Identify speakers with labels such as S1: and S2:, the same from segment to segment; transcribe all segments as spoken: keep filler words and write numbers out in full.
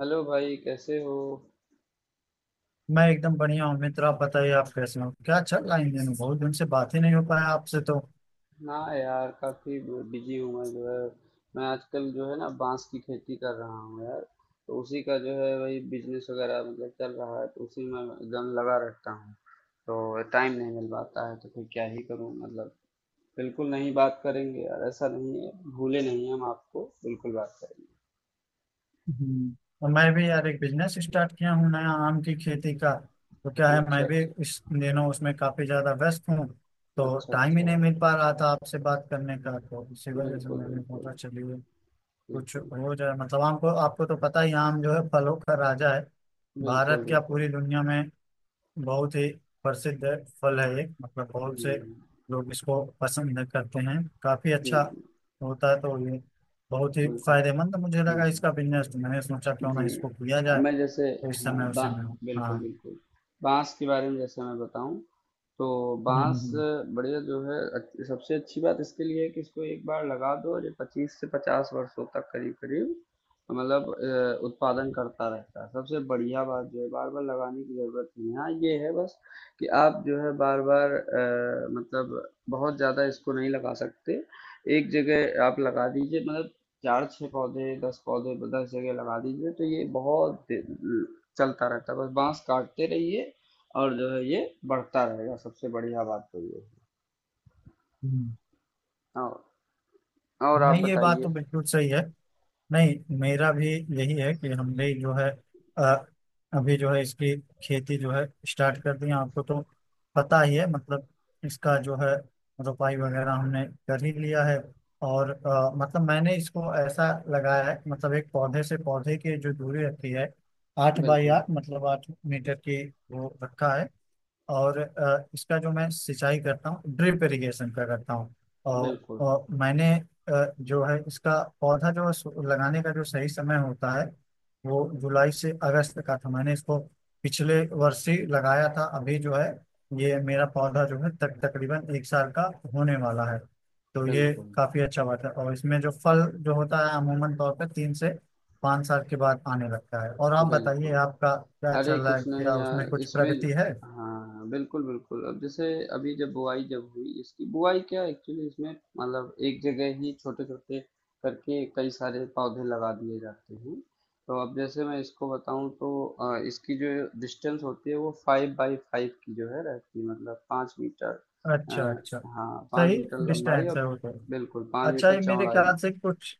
S1: Hello भाई, कैसे हो?
S2: मैं एकदम बढ़िया हूँ मित्र। आप बताइए, आप कैसे हो? क्या चल रहा है इन दिनों? बहुत दिन से बात ही नहीं हो पाया आपसे तो।
S1: ना यार, काफ़ी बिजी हूँ मैं जो है। मैं आजकल जो है ना, बांस की खेती कर रहा हूँ यार। तो उसी का जो है, वही बिजनेस वगैरह मतलब चल रहा है, तो उसी में मैं दम लगा रहता हूँ। तो टाइम नहीं मिल पाता है, तो फिर क्या ही करूँ मतलब। बिल्कुल, नहीं बात करेंगे यार, ऐसा नहीं है। भूले नहीं हम आपको, बिल्कुल बात करेंगे।
S2: हम्म। और मैं भी यार एक बिजनेस स्टार्ट किया हूँ नया, आम की खेती का। तो क्या है,
S1: अच्छा
S2: मैं भी
S1: अच्छा।
S2: इस दिनों उसमें काफी ज्यादा व्यस्त हूँ। तो
S1: अच्छा
S2: टाइम ही
S1: अच्छा।
S2: नहीं मिल पा रहा था आपसे बात करने का, तो इसी वजह से
S1: बिल्कुल
S2: मैंने
S1: बिल्कुल।
S2: सोचा चलिए कुछ
S1: बिल्कुल
S2: हो जाए। मतलब आपको आपको तो पता ही है, आम जो है फलों का राजा है,
S1: बिल्कुल।
S2: भारत क्या
S1: बिल्कुल।
S2: पूरी दुनिया में बहुत ही प्रसिद्ध फल है ये। मतलब बहुत से
S1: हम्म।
S2: लोग इसको पसंद करते हैं, काफी
S1: जी
S2: अच्छा
S1: जी।
S2: होता है। तो ये बहुत ही
S1: बिल्कुल।
S2: फायदेमंद मुझे लगा
S1: हम्म।
S2: इसका बिजनेस, तो मैंने सोचा क्यों ना
S1: जी,
S2: इसको किया
S1: अब
S2: जाए।
S1: मैं जैसे
S2: तो इस
S1: हाँ,
S2: समय
S1: बा
S2: उसे में हूँ। हाँ।
S1: बिल्कुल, बिल्कुल। बाँस के बारे में जैसे मैं बताऊँ, तो
S2: हम्म,
S1: बाँस
S2: हम्म।
S1: बढ़िया जो है। अ, सबसे अच्छी बात इसके लिए है कि इसको एक बार लगा दो और ये पच्चीस से पचास वर्षों तक करीब-करीब मतलब अ, उत्पादन करता रहता है। सबसे बढ़िया बात जो है, बार-बार लगाने की ज़रूरत नहीं है। हाँ, ये है बस कि आप जो है बार-बार अ, मतलब बहुत ज़्यादा इसको नहीं लगा सकते। एक जगह आप लगा दीजिए मतलब चार छः पौधे, दस पौधे, दस जगह लगा दीजिए, तो ये बहुत दे- चलता रहता है। बस बांस काटते रहिए और जो है ये बढ़ता रहेगा। सबसे बढ़िया बात तो ये है।
S2: हम्म।
S1: और और आप
S2: नहीं, ये बात तो
S1: बताइए।
S2: बिल्कुल सही है। नहीं, मेरा भी यही है कि हमने जो है अ, अभी जो है इसकी खेती जो है स्टार्ट कर दी है। आपको तो पता ही है मतलब इसका जो है रोपाई वगैरह हमने कर ही लिया है। और अ, मतलब मैंने इसको ऐसा लगाया है, मतलब एक पौधे से पौधे की जो दूरी रखी है, आठ बाई
S1: बिल्कुल
S2: आठ मतलब आठ मीटर की वो रखा है। और अ, इसका जो मैं सिंचाई करता हूँ, ड्रिप इरिगेशन का करता हूँ। और,
S1: बिल्कुल।
S2: और मैंने अ, जो है इसका पौधा जो है सु- लगाने का जो सही समय होता है वो जुलाई से अगस्त का था। मैंने इसको पिछले वर्ष ही लगाया था, अभी जो है ये मेरा पौधा जो है तक तकरीबन एक साल का होने वाला है। तो ये
S1: बिल्कुल
S2: काफी अच्छा बात है, और इसमें जो फल जो होता है अमूमन तौर पर तीन से पाँच साल के बाद आने लगता है। और आप बताइए,
S1: बिल्कुल।
S2: आपका क्या
S1: अरे
S2: चल रहा है?
S1: कुछ नहीं
S2: क्या उसमें
S1: यार
S2: कुछ
S1: इसमें।
S2: प्रगति है?
S1: हाँ बिल्कुल बिल्कुल। अब जैसे, अभी जब बुआई जब हुई, इसकी बुआई क्या एक्चुअली इसमें मतलब एक जगह ही छोटे छोटे करके कई सारे पौधे लगा दिए जाते हैं। तो अब जैसे मैं इसको बताऊं तो अ, इसकी जो डिस्टेंस होती है वो फाइव बाई फाइव की जो है रहती है, मतलब पाँच मीटर। अ,
S2: अच्छा, अच्छा।
S1: हाँ, पाँच
S2: सही
S1: मीटर लंबाई
S2: डिस्टेंस
S1: और
S2: है वो तो।
S1: बिल्कुल पाँच
S2: अच्छा,
S1: मीटर
S2: ये मेरे
S1: चौड़ाई।
S2: ख्याल से कुछ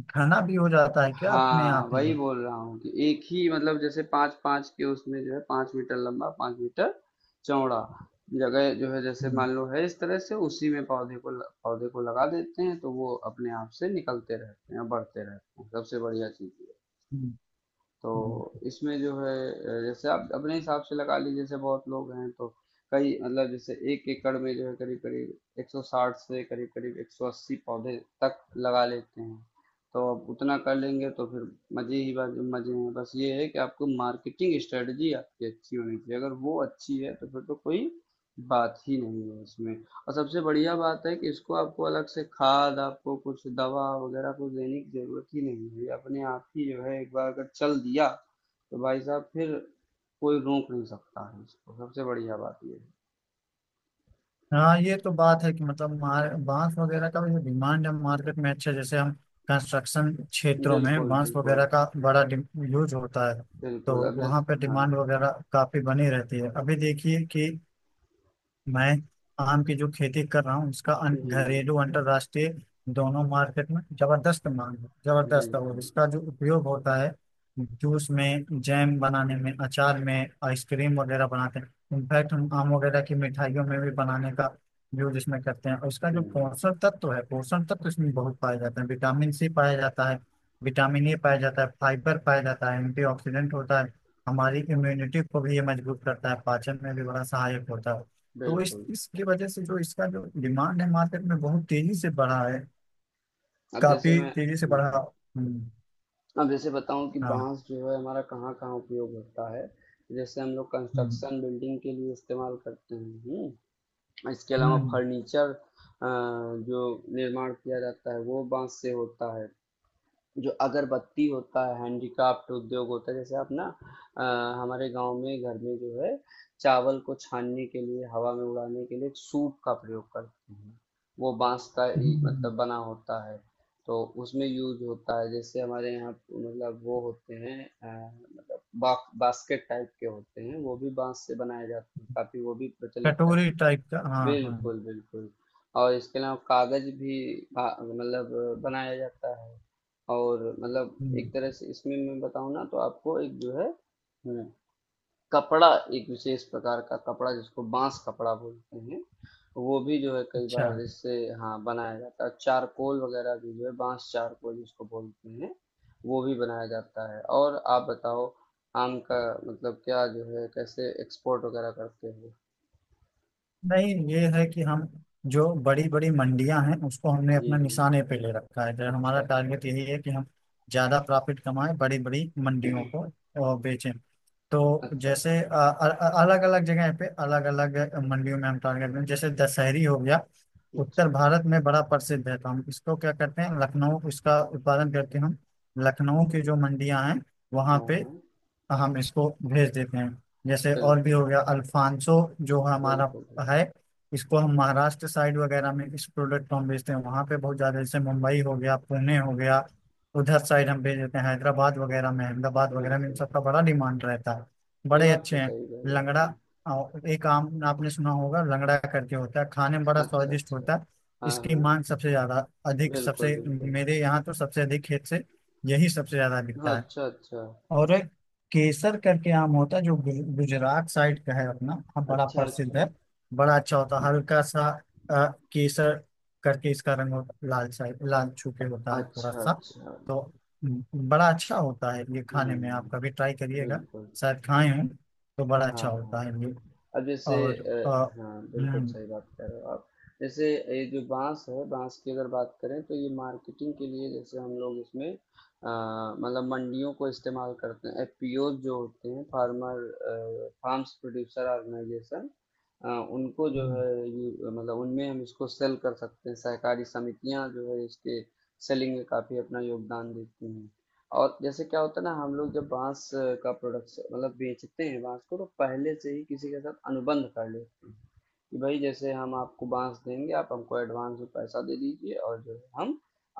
S2: घना भी हो जाता है क्या, अपने
S1: हाँ,
S2: आप ही
S1: वही
S2: है?
S1: बोल रहा हूँ कि एक ही, मतलब जैसे पाँच पाँच के उसमें जो है पाँच मीटर लंबा, पाँच मीटर चौड़ा जगह जो है, जैसे
S2: हम्म,
S1: मान लो है इस तरह से, उसी में पौधे को ल- पौधे को लगा देते हैं, तो वो अपने आप से निकलते रहते हैं, बढ़ते रहते हैं। सबसे बढ़िया चीज।
S2: हम्म।
S1: तो
S2: हम्म।
S1: इसमें जो है अ, जैसे आप अपने हिसाब से लगा लीजिए, जैसे बहुत लोग हैं तो कई, मतलब जैसे एक एकड़ में जो है करीब करीब एक सौ साठ से करीब करीब एक सौ अस्सी पौधे तक लगा लेते हैं। तो अब उतना कर लेंगे तो फिर मजे ही बात, मजे हैं। बस ये है कि आपको मार्केटिंग स्ट्रेटजी आपकी अच्छी होनी चाहिए। अगर वो अच्छी है तो फिर तो कोई बात ही नहीं है इसमें। और सबसे बढ़िया बात है कि इसको आपको अलग से खाद, आपको कुछ दवा वगैरह कुछ देने की ज़रूरत ही नहीं है। ये अपने आप ही जो है, एक बार अगर चल दिया, तो भाई साहब फिर कोई रोक नहीं सकता है इसको। सबसे बढ़िया बात ये
S2: हाँ, ये तो बात है कि मतलब मार, बांस वगैरह का भी जो डिमांड है मार्केट में। अच्छा, जैसे हम कंस्ट्रक्शन
S1: है।
S2: क्षेत्रों में
S1: बिल्कुल,
S2: बांस
S1: बिल्कुल,
S2: वगैरह का बड़ा यूज होता है,
S1: बिल्कुल।
S2: तो
S1: अब जैस
S2: वहाँ पे
S1: हाँ,
S2: डिमांड वगैरह काफी बनी रहती है। अभी देखिए कि मैं आम की जो खेती कर रहा हूँ उसका अं,
S1: जी, जी।
S2: घरेलू अंतर्राष्ट्रीय दोनों मार्केट में जबरदस्त मांग है, जबरदस्त है। और
S1: बिल्कुल।
S2: इसका जो उपयोग होता है जूस में, जैम बनाने में, अचार में, आइसक्रीम वगैरह बनाते हैं। इनफैक्ट हम आम वगैरह की मिठाइयों में भी बनाने का यूज इसमें करते हैं। और इसका जो
S1: हुँ,
S2: पोषण तत्व है, पोषण तत्व इसमें बहुत पाए जाते हैं। विटामिन सी पाया जाता है, विटामिन ए पाया जाता है, फाइबर पाया जाता है, एंटीऑक्सीडेंट होता है। हमारी इम्यूनिटी को भी ये मजबूत करता है, पाचन में भी बड़ा सहायक होता है। तो इस
S1: बिल्कुल।
S2: इसकी वजह से जो इसका जो डिमांड है मार्केट में बहुत तेजी से बढ़ा है,
S1: अब जैसे
S2: काफी
S1: मैं,
S2: तेजी से
S1: हुँ,
S2: बढ़ा।
S1: हुँ।
S2: हम्म,
S1: अब जैसे बताऊँ कि
S2: हाँ,
S1: बाँस जो है हमारा कहाँ-कहाँ उपयोग होता है। जैसे हम लोग
S2: हम्म,
S1: कंस्ट्रक्शन, बिल्डिंग के लिए इस्तेमाल करते हैं, हुँ। इसके अलावा
S2: हम्म,
S1: फर्नीचर जो निर्माण किया जाता है, वो बांस से होता है। जो अगरबत्ती होता है, हैंडीक्राफ्ट उद्योग होता है। जैसे आप ना अ, हमारे गांव में, घर में जो है चावल को छानने के लिए, हवा में उड़ाने के लिए एक सूप का प्रयोग करते हैं, वो बांस का ही
S2: हम्म।
S1: मतलब बना होता है। तो उसमें यूज होता है। जैसे हमारे यहाँ मतलब वो होते हैं अ, मतलब बा, बास्केट टाइप के होते हैं, वो भी बांस से बनाए जाते हैं, काफी वो भी प्रचलित है।
S2: कटोरी टाइप का, हाँ, हाँ।
S1: बिल्कुल, बिल्कुल। और इसके अलावा कागज भी भा मतलब बनाया जाता है। और मतलब एक
S2: हम्म,
S1: तरह से इसमें मैं बताऊँ ना, तो आपको एक जो है, हम्म, कपड़ा, एक विशेष प्रकार का कपड़ा जिसको बांस कपड़ा बोलते हैं, वो भी जो है कई
S2: अच्छा।
S1: बार इससे हाँ बनाया जाता है। चारकोल वगैरह भी जो है, बांस चारकोल जिसको बोलते हैं, वो भी बनाया जाता है। और आप बताओ, आम का मतलब क्या जो है, कैसे एक्सपोर्ट वगैरह करते हो?
S2: नहीं, ये है कि हम जो बड़ी बड़ी मंडियां हैं उसको हमने
S1: जी
S2: अपना
S1: जी।
S2: निशाने पे ले रखा है। जो
S1: अच्छा
S2: हमारा
S1: अच्छा।
S2: टारगेट यही है कि हम ज्यादा प्रॉफिट कमाएं, बड़ी बड़ी मंडियों को और बेचें। तो
S1: अच्छा,
S2: जैसे
S1: अच्छा।
S2: अलग अलग जगह पे अलग अलग मंडियों में हम टारगेट दें। जैसे दशहरी हो गया, उत्तर
S1: अच्छा।
S2: भारत में बड़ा प्रसिद्ध है, तो हम इसको क्या करते हैं, लखनऊ इसका उत्पादन करके हम लखनऊ की जो मंडियां हैं वहां
S1: हाँ,
S2: पे,
S1: हाँ।
S2: तो हम इसको भेज देते हैं। जैसे और भी
S1: बिल्कुल,
S2: हो गया अल्फांसो जो हमारा
S1: बिल्कुल।
S2: है,
S1: बिल्कुल,
S2: इसको हम महाराष्ट्र साइड वगैरह में इस प्रोडक्ट को हम भेजते हैं, वहाँ पे बहुत ज़्यादा, जैसे मुंबई हो गया, पुणे हो गया, उधर साइड हम भेज देते हैं। हैदराबाद वगैरह में, अहमदाबाद वगैरह में, इन
S1: बिल्कुल।
S2: सबका बड़ा डिमांड रहता है,
S1: ये
S2: बड़े
S1: बात
S2: अच्छे
S1: तो
S2: हैं।
S1: सही कही
S2: लंगड़ा,
S1: आपने।
S2: अ, एक आम आपने सुना होगा, लंगड़ा करके होता है, खाने में बड़ा
S1: अच्छा,
S2: स्वादिष्ट
S1: अच्छा।
S2: होता है।
S1: हाँ,
S2: इसकी
S1: हाँ।
S2: मांग सबसे ज़्यादा अधिक
S1: बिल्कुल,
S2: सबसे,
S1: बिल्कुल।
S2: मेरे यहाँ तो सबसे अधिक खेत से यही सबसे ज़्यादा
S1: हाँ,
S2: बिकता है।
S1: अच्छा, अच्छा।
S2: और एक केसर करके आम होता है जो गु- गुजरात साइड का है अपना, हाँ, बड़ा
S1: अच्छा,
S2: प्रसिद्ध
S1: अच्छा।
S2: है। बड़ा अच्छा होता है, हल्का सा अ, केसर करके इसका रंग होता है, लाल साइड, लाल छू के होता है थोड़ा
S1: अच्छा,
S2: सा।
S1: अच्छा।
S2: तो हम्म, बड़ा अच्छा होता है ये खाने में, आप
S1: हुँ,
S2: कभी ट्राई करिएगा,
S1: बिल्कुल।
S2: शायद खाए हैं, तो बड़ा
S1: हाँ,
S2: अच्छा होता
S1: हाँ।
S2: है ये।
S1: अब जैसे
S2: और
S1: अ,
S2: अ,
S1: हाँ बिल्कुल
S2: हम्म,
S1: सही बात कह रहे हो आप। जैसे ये जो बांस है, बांस की अगर बात करें, तो ये मार्केटिंग के लिए जैसे हम लोग इसमें अ, मतलब मंडियों को इस्तेमाल करते हैं। एफपीओज जो होते हैं, फार्मर फार्म्स प्रोड्यूसर ऑर्गेनाइजेशन, उनको जो
S2: हम्म।
S1: है ये मतलब, उनमें हम इसको सेल कर सकते हैं। सहकारी समितियां जो है, इसके सेलिंग में काफी अपना योगदान देती हैं। और जैसे क्या होता है ना, हम लोग जब बांस अ, का प्रोडक्शन मतलब बेचते हैं, बांस को तो पहले से ही किसी के साथ अनुबंध कर लेते हैं कि भाई जैसे हम आपको बांस देंगे, आप हमको एडवांस में पैसा दे दीजिए, और जो है हम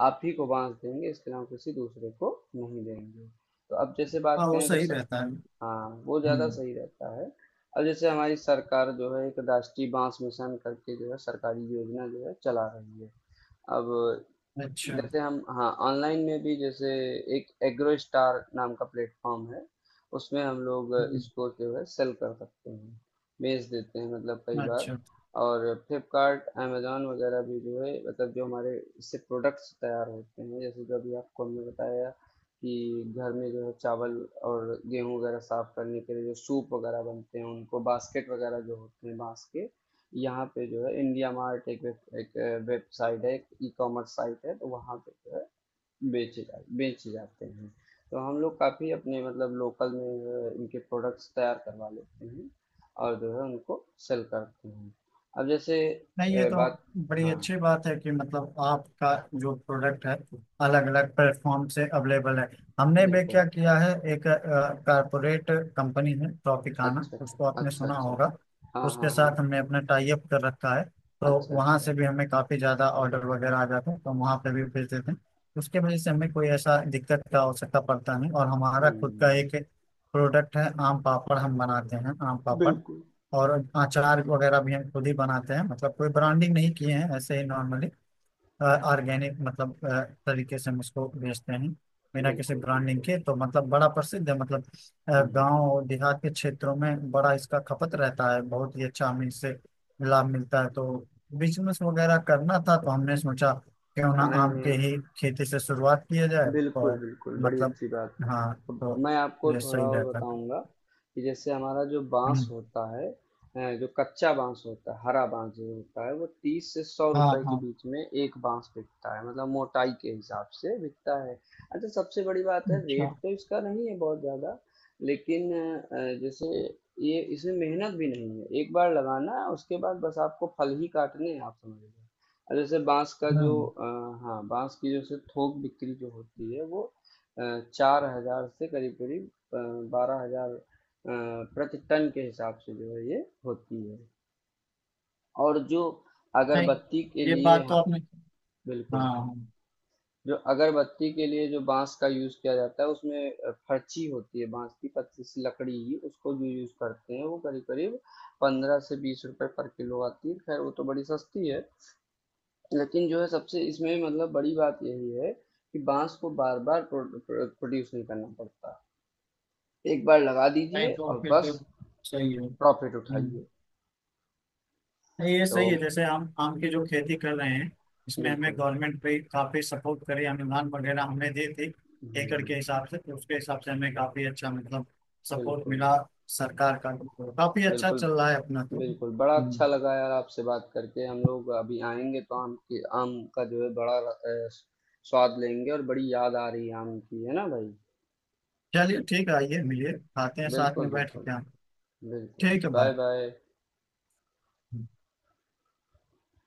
S1: आप ही को बांस देंगे, इसके अलावा किसी दूसरे को नहीं देंगे। तो अब जैसे
S2: हाँ,
S1: बात
S2: वो
S1: करें तो
S2: सही
S1: स-
S2: रहता है।
S1: हाँ वो ज़्यादा
S2: हम्म।
S1: सही रहता है। अब जैसे हमारी सरकार जो है एक राष्ट्रीय बांस मिशन करके जो है सरकारी योजना जो है चला रही है। अब
S2: अच्छा।
S1: जैसे हम हाँ, ऑनलाइन में भी जैसे एक एग्रो स्टार नाम का प्लेटफॉर्म है, उसमें हम लोग
S2: हम्म,
S1: इसको जो है सेल कर सकते हैं, बेच देते हैं मतलब कई बार।
S2: अच्छा।
S1: और फ्लिपकार्ट, अमेजोन वगैरह भी जो है, मतलब जो हमारे इससे प्रोडक्ट्स तैयार होते हैं, जैसे जो अभी आपको हमने बताया कि घर में जो है चावल और गेहूं वगैरह साफ करने के लिए जो सूप वगैरह बनते हैं, उनको, बास्केट वगैरह जो होते हैं बांस के, यहाँ पे जो है इंडिया मार्ट एक वेब एक वेबसाइट है, एक ई कॉमर्स साइट है, तो वहाँ पे जो है बेचे जा बेचे जाते हैं। तो हम लोग काफ़ी अपने मतलब लोकल में जो है इनके प्रोडक्ट्स तैयार करवा लेते हैं और जो है उनको सेल करते हैं। अब जैसे
S2: नहीं, ये
S1: अ,
S2: तो
S1: बात,
S2: बड़ी
S1: हाँ
S2: अच्छी बात है कि मतलब आपका जो प्रोडक्ट है अलग अलग प्लेटफॉर्म से अवेलेबल है। हमने भी
S1: बिल्कुल।
S2: क्या किया है, एक कारपोरेट कंपनी है ट्रॉपिकाना,
S1: अच्छा अच्छा।
S2: उसको आपने
S1: अच्छा
S2: सुना
S1: अच्छा।
S2: होगा।
S1: हाँ
S2: उसके
S1: हाँ हाँ।
S2: साथ हमने अपना टाई अप कर रखा है, तो
S1: अच्छा
S2: वहाँ
S1: अच्छा।
S2: से भी हमें काफ़ी ज़्यादा ऑर्डर वगैरह आ जाते हैं, तो हम वहाँ पे भी भेज देते हैं। उसके वजह से हमें कोई ऐसा दिक्कत का आवश्यकता पड़ता नहीं। और हमारा खुद का
S1: हम्म।
S2: एक प्रोडक्ट है आम पापड़, हम बनाते हैं आम पापड़।
S1: बिल्कुल
S2: और अचार वगैरह भी हम खुद ही बनाते हैं, मतलब कोई ब्रांडिंग नहीं किए हैं, ऐसे ही नॉर्मली ऑर्गेनिक मतलब अ, तरीके से हम उसको बेचते हैं, बिना किसी
S1: बिल्कुल।
S2: ब्रांडिंग
S1: बिल्कुल।
S2: के। तो मतलब बड़ा प्रसिद्ध है, मतलब
S1: हम्म।
S2: गांव देहात के क्षेत्रों में बड़ा इसका खपत रहता है, बहुत ही अच्छा हमें इससे लाभ मिलता है। तो बिजनेस वगैरह करना था तो हमने सोचा क्यों ना
S1: हाँ, नहीं
S2: आम के
S1: नहीं,
S2: ही खेती से शुरुआत किया जाए, तो
S1: बिल्कुल बिल्कुल, बड़ी
S2: मतलब,
S1: अच्छी बात।
S2: हाँ।
S1: अब
S2: तो
S1: मैं आपको
S2: ये
S1: थोड़ा
S2: सही
S1: और
S2: रहता है।
S1: बताऊंगा कि जैसे हमारा जो बांस
S2: हम्म,
S1: होता है, अ, जो कच्चा बांस होता है, हरा बांस जो होता है, वो तीस से सौ
S2: हाँ,
S1: रुपए के
S2: हाँ।
S1: बीच में एक बांस बिकता है, मतलब मोटाई के हिसाब से बिकता है। अच्छा, सबसे बड़ी बात है,
S2: अच्छा।
S1: रेट तो इसका नहीं है बहुत ज़्यादा। लेकिन अ, जैसे ये, इसमें मेहनत भी नहीं है। एक बार लगाना, उसके बाद बस आपको फल ही काटने हैं, आप समझ लीजिए। अब जैसे बांस का जो
S2: हम्म।
S1: अ, हाँ बांस की जैसे थोक बिक्री जो होती है वो चार हज़ार से करीब-करीब अ, बारह हज़ार अ, प्रति टन के हिसाब से जो है ये होती है। और जो
S2: नहीं,
S1: अगरबत्ती के
S2: ये
S1: लिए
S2: बात तो
S1: हाँ,
S2: आपने।
S1: बिल्कुल।
S2: हाँ।
S1: जो अगरबत्ती के लिए जो बाँस का यूज़ किया जाता है, उसमें अ, फर्ची होती है बाँस की, पतली सी लकड़ी ही उसको जो यूज़ करते हैं, वो करीब-करीब पंद्रह से बीस रुपए पर किलो आती है। ख़ैर वो तो बड़ी सस्ती है। लेकिन जो है सबसे इसमें मतलब बड़ी बात यही है कि बाँस को बार-बार प्रो प्रो प्रोड्यूस नहीं करना पड़ता। एक बार लगा
S2: नहीं,
S1: दीजिए,
S2: तो
S1: और
S2: फिर
S1: बस
S2: तो सही है।
S1: प्रॉफिट
S2: हम्म,
S1: उठाइए।
S2: नहीं ये
S1: तो
S2: सही है। जैसे हम आम की जो खेती कर रहे हैं, इसमें हमें
S1: बिल्कुल।
S2: गवर्नमेंट पे काफी सपोर्ट करे, अनुदान वगैरह हमें दी थी एकड़ के
S1: हम्म,
S2: हिसाब से, तो उसके हिसाब से हमें काफी अच्छा मतलब सपोर्ट
S1: बिल्कुल
S2: मिला सरकार का, तो काफी अच्छा
S1: बिल्कुल।
S2: चल रहा है अपना तो।
S1: बिल्कुल बड़ा अच्छा
S2: हम्म।
S1: लगा यार आपसे बात करके। हम लोग अभी आएंगे तो आम के, आम का जो है बड़ा अ, स्वाद लेंगे, और बड़ी याद आ रही है आम की, है ना भाई?
S2: चलिए ठीक है, आइए मिलिए, खाते हैं साथ में
S1: बिल्कुल
S2: बैठ के,
S1: बिल्कुल।
S2: क्या।
S1: बिल्कुल,
S2: ठीक है,
S1: बाय
S2: बाय।
S1: बाय।